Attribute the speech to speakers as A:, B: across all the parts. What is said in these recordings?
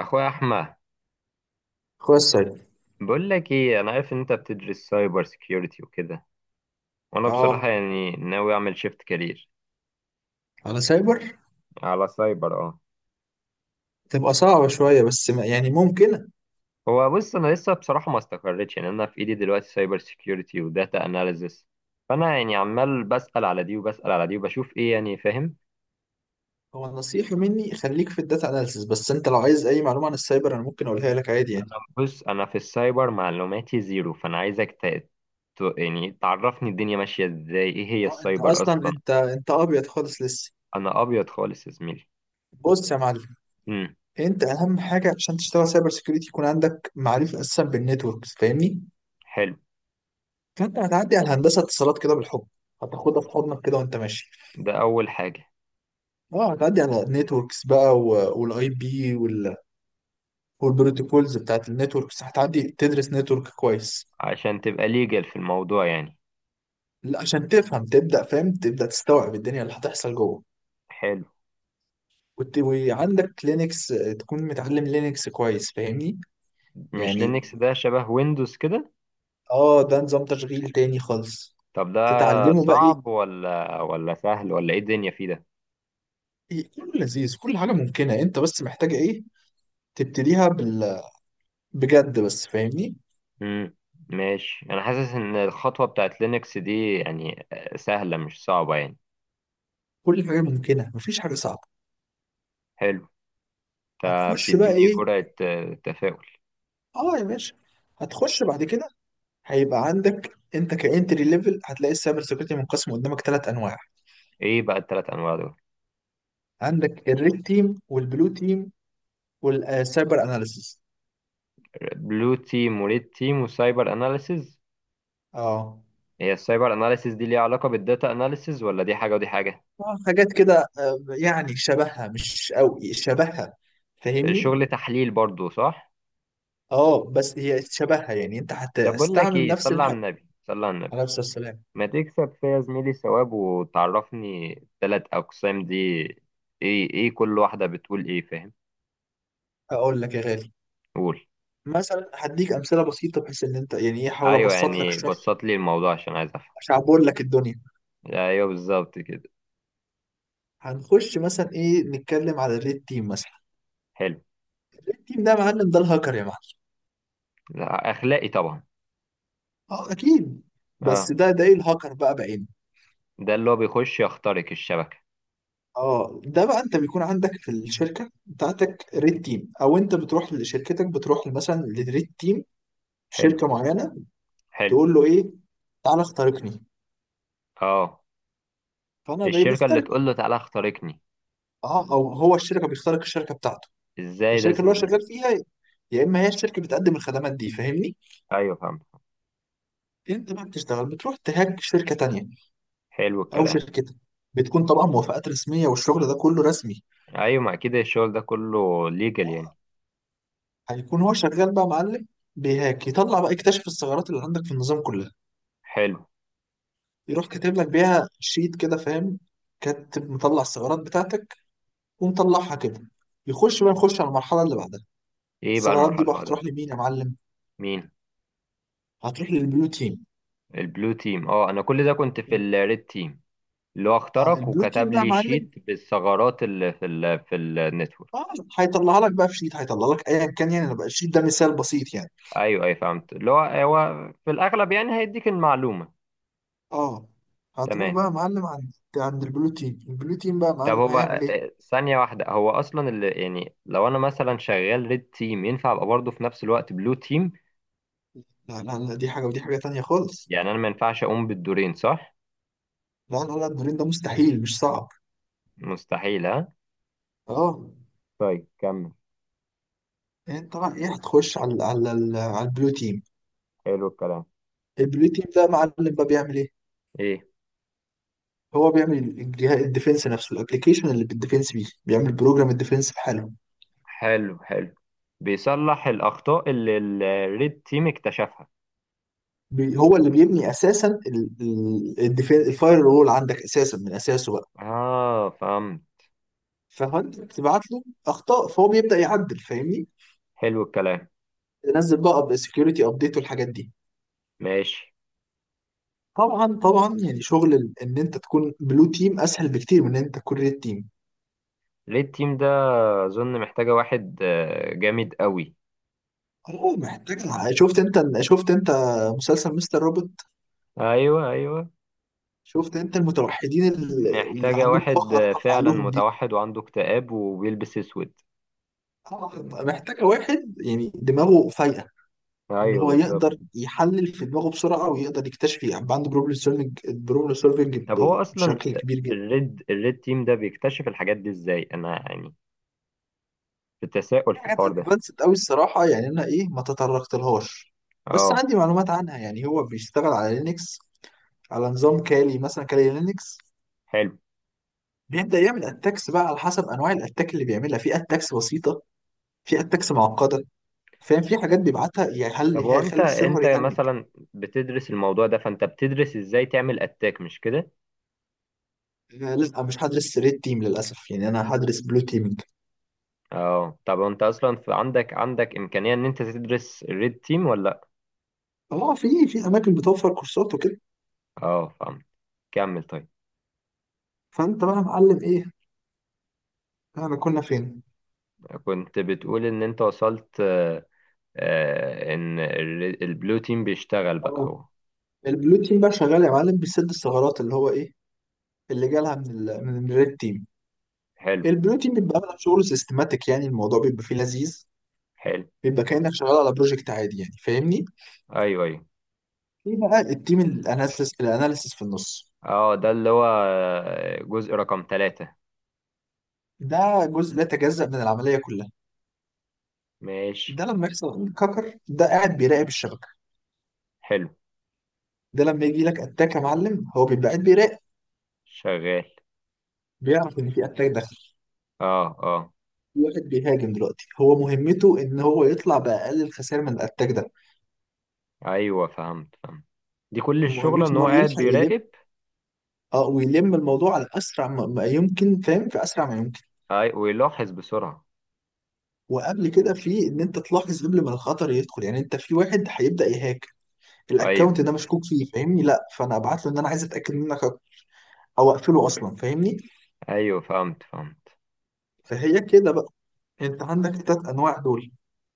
A: اخويا احمد،
B: اخويا السايبر.
A: بقول لك ايه، انا عارف ان انت بتدرس سايبر سيكيورتي وكده. وانا
B: اه،
A: بصراحه يعني ناوي اعمل شيفت كارير
B: على سايبر.
A: على سايبر اه.
B: تبقى صعبة شوية بس ما يعني ممكن.
A: هو بص، انا لسه بصراحه ما استقريتش يعني. انا في ايدي دلوقتي سايبر سيكيورتي وداتا اناليزس، فانا يعني عمال بسال على دي وبسال على دي وبشوف ايه يعني، فاهم؟
B: هو نصيحة مني خليك في الداتا اناليسيس بس انت لو عايز اي معلومة عن السايبر انا ممكن اقولها لك عادي يعني.
A: انا بص، انا في السايبر معلوماتي زيرو، فانا عايزك يعني تعرفني الدنيا ماشيه ازاي، ايه هي
B: اه انت
A: السايبر
B: اصلا
A: اصلا؟
B: انت ابيض خالص لسه.
A: انا ابيض خالص يا زميلي.
B: بص يا معلم،
A: امم.
B: انت اهم حاجة عشان تشتغل سايبر سيكيورتي يكون عندك معرفة اساسا بالنتوركس فاهمني.
A: حلو.
B: فانت هتعدي على هندسة اتصالات كده بالحب، هتاخدها في حضنك كده وانت ماشي.
A: ده اول حاجه.
B: اه هتعدي على النتوركس بقى والاي بي والبروتوكولز بتاعت النتوركس، هتعدي تدرس نتورك كويس.
A: عشان تبقى ليجل في الموضوع يعني.
B: لا عشان تفهم، تبدأ فاهم، تبدأ تستوعب الدنيا اللي هتحصل جوه.
A: حلو.
B: وعندك لينكس، تكون متعلم لينكس كويس فاهمني.
A: مش
B: يعني
A: لينكس ده شبه ويندوز كده؟
B: اه ده نظام تشغيل تاني خالص.
A: طب ده
B: تتعلمه بقى ايه.
A: صعب ولا سهل ولا ايه الدنيا فيه ده؟
B: إيه، كله لذيذ، كل حاجة ممكنة، انت بس محتاج ايه. تبتديها بال بجد بس فاهمني.
A: امم. ماشي، انا حاسس ان الخطوة بتاعت لينكس دي يعني سهلة مش صعبة يعني.
B: كل حاجة ممكنة، مفيش حاجة صعبة.
A: حلو. انت
B: هتخش بقى
A: بتديني
B: ايه،
A: جرعة تفاؤل.
B: اه يا باشا. هتخش بعد كده هيبقى عندك انت كانتري ليفل، هتلاقي السايبر سيكيورتي منقسم قدامك ثلاث انواع.
A: ايه بقى التلات انواع دول؟
B: عندك الريد تيم والبلو تيم والسايبر اناليسيس.
A: بلو تيم وريد تيم وسايبر اناليسز.
B: اه.
A: هي السايبر اناليسز دي ليها علاقة بالداتا اناليسز ولا دي حاجة ودي حاجة؟
B: اه حاجات كده، يعني شبهها مش قوي شبهها فاهمني.
A: شغل تحليل برضو، صح؟
B: اه بس هي شبهها، يعني انت
A: طب بقول لك
B: هتستعمل
A: ايه،
B: نفس
A: صلي على
B: الحاجه.
A: النبي، صلي على النبي.
B: على نفس السلام.
A: ما تكسب فيا زميلي ثواب وتعرفني التلات أقسام دي. إيه إيه كل واحدة بتقول إيه، فاهم؟
B: اقول لك يا غالي،
A: قول.
B: مثلا هديك امثله بسيطه بحيث ان انت يعني ايه، احاول
A: أيوه،
B: ابسط لك
A: يعني
B: الشرح
A: بسط لي الموضوع عشان عايز أفهم.
B: عشان اعبر لك الدنيا.
A: أيوه، بالظبط كده.
B: هنخش مثلا ايه، نتكلم على الريد تيم مثلا.
A: حلو.
B: التيم ده يا معلم ده الهاكر يا معلم.
A: لا، أخلاقي طبعا.
B: اه اكيد. بس
A: أه.
B: ده ايه الهاكر بقى بعينه.
A: ده اللي هو بيخش يخترق الشبكة.
B: اه ده بقى انت بيكون عندك في الشركه بتاعتك ريد تيم، او انت بتروح لشركتك، بتروح مثلا للريد تيم في
A: حلو.
B: شركه معينه.
A: حلو.
B: تقول له ايه، تعالى اخترقني.
A: أه.
B: فانا
A: الشركة اللي
B: بيخترق.
A: تقول له تعالى اخترقني.
B: اه او هو الشركه بيخترق الشركه بتاعته،
A: إزاي ده
B: الشركه اللي هو
A: زميلي،
B: شغال
A: ده؟
B: فيها. يا اما هي الشركه بتقدم الخدمات دي فاهمني.
A: أيوه فهمت.
B: انت بقى بتشتغل بتروح تهاج شركه تانية
A: حلو
B: او
A: الكلام.
B: شركتك. بتكون طبعا موافقات رسميه والشغل ده كله رسمي.
A: أيوه، ما أكيد الشغل ده كله ليجل يعني.
B: هيكون هو شغال بقى معلم، بيهاك يطلع بقى يكتشف الثغرات اللي عندك في النظام كله.
A: حلو.
B: يروح كاتب لك بيها شيت كده فاهم، كاتب مطلع الثغرات بتاعتك ومطلعها كده. يخش بقى، نخش على المرحله اللي بعدها.
A: إيه بقى
B: الثغرات
A: المرحلة
B: دي
A: اللي
B: بقى
A: بعدها؟
B: هتروح لمين يا معلم.
A: مين؟
B: هتروح للبلو تيم.
A: البلو تيم، اه. انا كل ده كنت في الريد تيم، اللي هو
B: اه
A: اخترق
B: البلو تيم
A: وكتب
B: بقى يا
A: لي
B: معلم.
A: شيت بالثغرات اللي في النتورك.
B: اه هيطلعها لك بقى في شيت، هيطلع لك ايا كان يعني، أنا بقى الشيت ده مثال بسيط يعني.
A: ايوه ايوه فهمت، اللي هو في الاغلب يعني هيديك المعلومه.
B: اه هتروح
A: تمام.
B: بقى يا معلم عند البلو تيم. البلو تيم بقى يا
A: طب
B: معلم
A: هو
B: هيعمل ايه.
A: ثانيه واحده، هو اصلا اللي يعني لو انا مثلا شغال ريد تيم ينفع ابقى برضه في نفس الوقت بلو تيم؟
B: لا لا لا، دي حاجه ودي حاجه تانية خالص.
A: يعني انا ما ينفعش اقوم بالدورين، صح؟
B: لا لا لا، الدورين ده مستحيل، مش صعب.
A: مستحيل، ها.
B: اه
A: طيب كمل.
B: انت بقى ايه، هتخش على على البلو تيم.
A: حلو الكلام.
B: البلو تيم ده معلم بقى بيعمل ايه؟
A: ايه.
B: هو بيعمل الجهاز الديفنس نفسه، الابلكيشن اللي بالديفنس بيه، بيعمل بروجرام الديفنس بحالهم.
A: حلو حلو. بيصلح الاخطاء اللي الريد تيم اكتشفها.
B: هو اللي بيبني اساسا الديفنس، الفاير رول عندك اساسا من اساسه بقى.
A: اه فهمت.
B: فانت بتبعت له اخطاء فهو بيبدا يعدل فاهمني؟
A: حلو الكلام.
B: تنزل بقى سكيورتي ابديت والحاجات دي.
A: ماشي.
B: طبعا طبعا يعني شغل ان انت تكون بلو تيم اسهل بكتير من ان انت تكون ريد تيم.
A: ليه التيم ده؟ اظن محتاجة واحد جامد قوي.
B: هو محتاج، شفت انت مسلسل مستر روبوت.
A: ايوه ايوه.
B: شفت انت المتوحدين اللي اللي
A: محتاجة
B: عندهم قوة
A: واحد
B: خارقة في
A: فعلا
B: عقلهم دي.
A: متوحد وعنده اكتئاب وبيلبس اسود.
B: طبعاً محتاجة واحد يعني دماغه فايقة، ان
A: ايوه
B: هو
A: بالظبط.
B: يقدر يحلل في دماغه بسرعة ويقدر يكتشف، يعني عنده بروبلم سولفنج، بروبلم سولفنج
A: طب هو اصلا
B: بشكل كبير جدا.
A: الريد تيم ده بيكتشف الحاجات دي ازاي، انا يعني في تساؤل
B: في
A: في
B: حاجات
A: الحوار ده.
B: ادفانسد قوي الصراحة، يعني انا ايه ما تطرقتلهاش، بس
A: اه.
B: عندي معلومات عنها. يعني هو بيشتغل على لينكس، على نظام كالي مثلا، كالي لينكس.
A: حلو.
B: بيبدأ يعمل اتاكس بقى على حسب انواع الاتاك اللي بيعملها، في اتاكس بسيطة، في اتاكس معقدة فاهم. في حاجات بيبعتها يعني
A: طب
B: هل
A: هو انت
B: هيخلي السيرفر
A: انت
B: يهنج.
A: مثلا بتدرس الموضوع ده، فانت بتدرس ازاي تعمل اتاك، مش كده؟
B: لا مش هدرس ريد تيم للاسف، يعني انا هدرس بلو تيمنج.
A: اه، طب انت اصلا في عندك امكانيه ان انت تدرس الريد تيم ولا لا؟
B: اه في في اماكن بتوفر كورسات وكده.
A: اه فهمت. كمل طيب.
B: فانت بقى يا معلم ايه، احنا كنا فين.
A: كنت بتقول ان انت وصلت ان البلو تيم بيشتغل بقى
B: اه
A: هو.
B: البلو تيم بقى شغال يا معلم بيسد الثغرات اللي هو ايه، اللي جالها من ال الريد تيم.
A: حلو.
B: البلو تيم بيبقى عامل شغل سيستماتيك، يعني الموضوع بيبقى فيه لذيذ،
A: حلو.
B: بيبقى كانك شغال على بروجكت عادي يعني فاهمني.
A: ايوه ايوه.
B: في بقى التيم الاناليسيس، الاناليسيس في النص.
A: اه ده اللي هو جزء رقم ثلاثة.
B: ده جزء لا يتجزأ من العمليه كلها.
A: ماشي.
B: ده لما يحصل عندك هاكر، ده قاعد بيراقب الشبكه.
A: حلو.
B: ده لما يجي لك اتاك يا معلم، هو بيبقى قاعد بيراقب،
A: شغال.
B: بيعرف ان في اتاك داخل،
A: اه اه.
B: في واحد بيهاجم دلوقتي. هو مهمته ان هو يطلع باقل الخسائر من الاتاك ده.
A: ايوه فهمت فهمت. دي كل الشغلة
B: مهمته
A: ان
B: ان
A: هو
B: هو
A: قاعد
B: يلحق يلم،
A: بيراقب.
B: اه ويلم الموضوع على اسرع ما يمكن فاهم، في اسرع ما يمكن.
A: اي ويلاحظ بسرعة.
B: وقبل كده في ان انت تلاحظ قبل ما الخطر يدخل، يعني انت في واحد هيبدا يهاك،
A: ايوه
B: الاكونت ده مشكوك فيه فاهمني، لا فانا ابعت له ان انا عايز اتاكد منك هاكر، او اقفله اصلا فاهمني.
A: ايوه فهمت فهمت.
B: فهي كده بقى، انت عندك التلات انواع دول،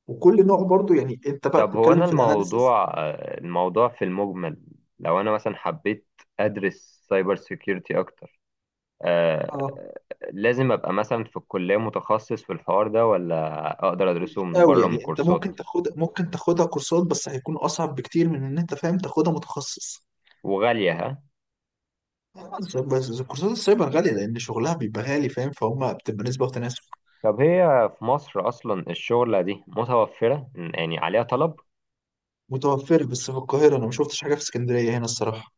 B: وكل نوع برضو يعني انت بقى
A: طب هو
B: بتتكلم
A: أنا
B: في الاناليسز.
A: الموضوع الموضوع في المجمل، لو أنا مثلا حبيت أدرس سايبر سيكيورتي أكتر
B: اه
A: آه، لازم أبقى مثلا في الكلية متخصص في الحوار ده، ولا أقدر أدرسه
B: مش
A: من
B: قوي،
A: بره من
B: يعني انت
A: كورسات؟
B: ممكن تاخد، ممكن تاخدها كورسات بس هيكون اصعب بكتير من ان انت فاهم تاخدها متخصص.
A: وغالية، ها؟
B: بس كورسات السايبر غالية لأن شغلها بيبقى غالي فاهم، فهم بتبقى نسبة وتناسب.
A: طب هي في مصر أصلا الشغلة دي متوفرة يعني، عليها طلب؟
B: متوفرة بس في القاهرة، أنا ما شفتش حاجة في اسكندرية هنا الصراحة.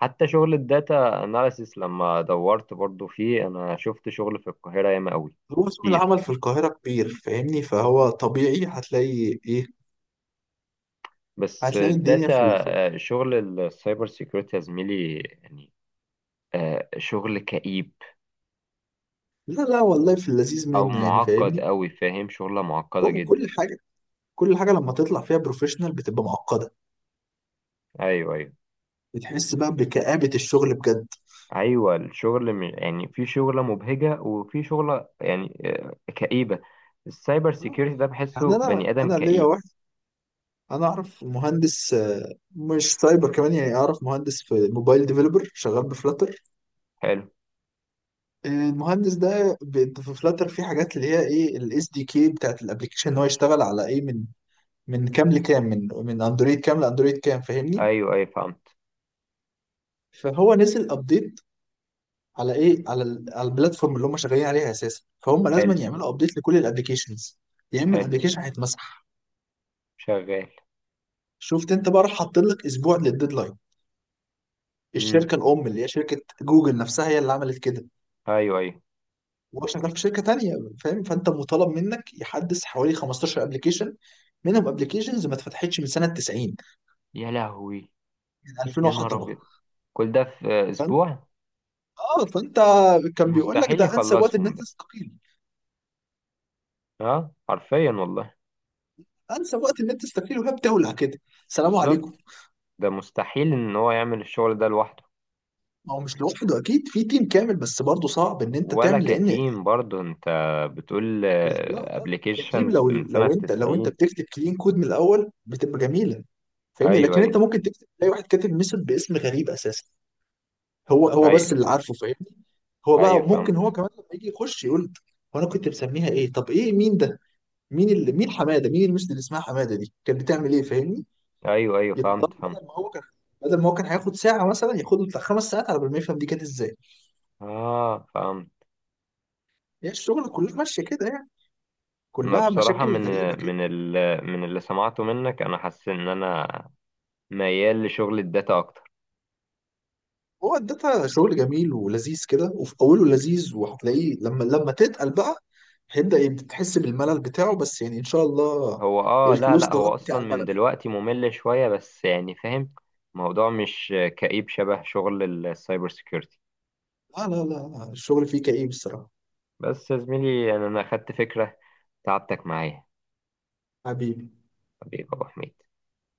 A: حتى شغل الداتا أناليسيس لما دورت برضو فيه أنا شفت شغل في القاهرة ياما أوي.
B: هو سوق
A: كتير.
B: العمل في القاهرة كبير فاهمني، فهو طبيعي هتلاقي. إيه
A: بس
B: هتلاقي الدنيا
A: الداتا
B: في الف.
A: شغل السايبر سيكيورتي يا زميلي يعني شغل كئيب
B: لا لا والله في اللذيذ
A: او
B: منه يعني
A: معقد
B: فاهمني.
A: قوي، فاهم؟ شغلة معقدة
B: هو
A: جدا.
B: كل حاجة، كل حاجة لما تطلع فيها بروفيشنال بتبقى معقدة،
A: ايوه ايوه.
B: بتحس بقى بكآبة الشغل بجد.
A: ايوه الشغل يعني في شغلة مبهجة وفي شغلة يعني كئيبة. السايبر
B: آه.
A: سيكيورتي ده بحسه
B: يعني انا
A: بني ادم
B: انا ليا
A: كئيب.
B: واحد، انا اعرف مهندس، مش سايبر كمان، يعني اعرف مهندس في موبايل ديفلوبر شغال بفلاتر.
A: حلو.
B: المهندس ده في فلاتر في حاجات اللي هي ايه، الاس دي كي بتاعت الابلكيشن ان هو يشتغل على ايه، من من كام لكام، من اندرويد كام لاندرويد كام فاهمني.
A: ايوه ايوه فهمت.
B: فهو نزل ابديت على ايه، على على البلاتفورم اللي هم شغالين عليها اساسا، فهم لازم
A: حلو
B: يعملوا ابديت لكل الابلكيشنز، يا اما
A: حلو.
B: الابلكيشن هيتمسح.
A: شغال.
B: شفت انت بقى، راح حاطين لك اسبوع للديدلاين.
A: امم.
B: الشركه الام اللي هي شركه جوجل نفسها هي اللي عملت كده،
A: ايوه ايوه.
B: وهو شغال في شركه تانيه فاهم. فانت مطالب منك يحدث حوالي 15 ابلكيشن، منهم ابلكيشنز ما اتفتحتش من سنه 90،
A: يا لهوي.
B: من 2000
A: يا نهار
B: وحطبه.
A: ابيض. كل ده في
B: فانت
A: اسبوع؟
B: اه فانت كان بيقول لك
A: مستحيل
B: ده انسب وقت ان
A: يخلصهم
B: انت
A: ده.
B: تستقيل،
A: اه حرفيا والله.
B: انسب وقت ان انت تستقيل وهي بتولع كده. سلام عليكم.
A: بالظبط. ده مستحيل ان هو يعمل الشغل ده لوحده.
B: ما هو مش لوحده اكيد في تيم كامل، بس برضه صعب ان انت
A: ولا
B: تعمل لان.
A: كتيم برضه، انت بتقول
B: لا لا التيم
A: ابلكيشنز
B: لو
A: من سنة
B: لو انت لو انت
A: 90.
B: بتكتب كلين كود من الاول بتبقى جميله فاهمني.
A: ايوه
B: لكن انت
A: ايوه.
B: ممكن تكتب تلاقي واحد كاتب ميثود باسم غريب اساسا، هو
A: ايوه
B: بس اللي عارفه فاهمني. هو
A: ايوه
B: بقى ممكن هو
A: فهمت.
B: كمان لما يجي يخش يقول، هو انا كنت بسميها ايه، طب ايه، مين ده، مين اللي مين حماده، مين الميثود اللي اسمها حماده دي كانت بتعمل ايه فاهمني.
A: ايوه ايوه
B: يضطر
A: فهمت فهمت.
B: بدل ما هو كان، بدل ما هو كان هياخد ساعه مثلا، ياخد له بتاع خمس ساعات على بال ما يفهم دي كانت ازاي.
A: اه فهمت.
B: هي الشغل كلها ماشيه كده يعني،
A: انا
B: كلها
A: بصراحة
B: مشاكل غريبه كده.
A: من ال من اللي سمعته منك انا حاسس ان انا ميال لشغل الداتا اكتر.
B: هو الداتا شغل جميل ولذيذ كده، وفي اوله لذيذ وهتلاقيه لما تتقل بقى، هيبدا تحس بالملل بتاعه، بس يعني ان شاء الله
A: هو اه، لا
B: الفلوس
A: لا، هو
B: تغطي
A: اصلا
B: على
A: من
B: الملل.
A: دلوقتي ممل شوية، بس يعني فاهم. الموضوع مش كئيب شبه شغل السايبر سيكيورتي.
B: لا لا لا الشغل فيه كئيب الصراحه.
A: بس يا زميلي يعني، أنا أخدت فكرة. تعبتك معايا.
B: حبيبي.
A: حبيبي يا أبو حميد.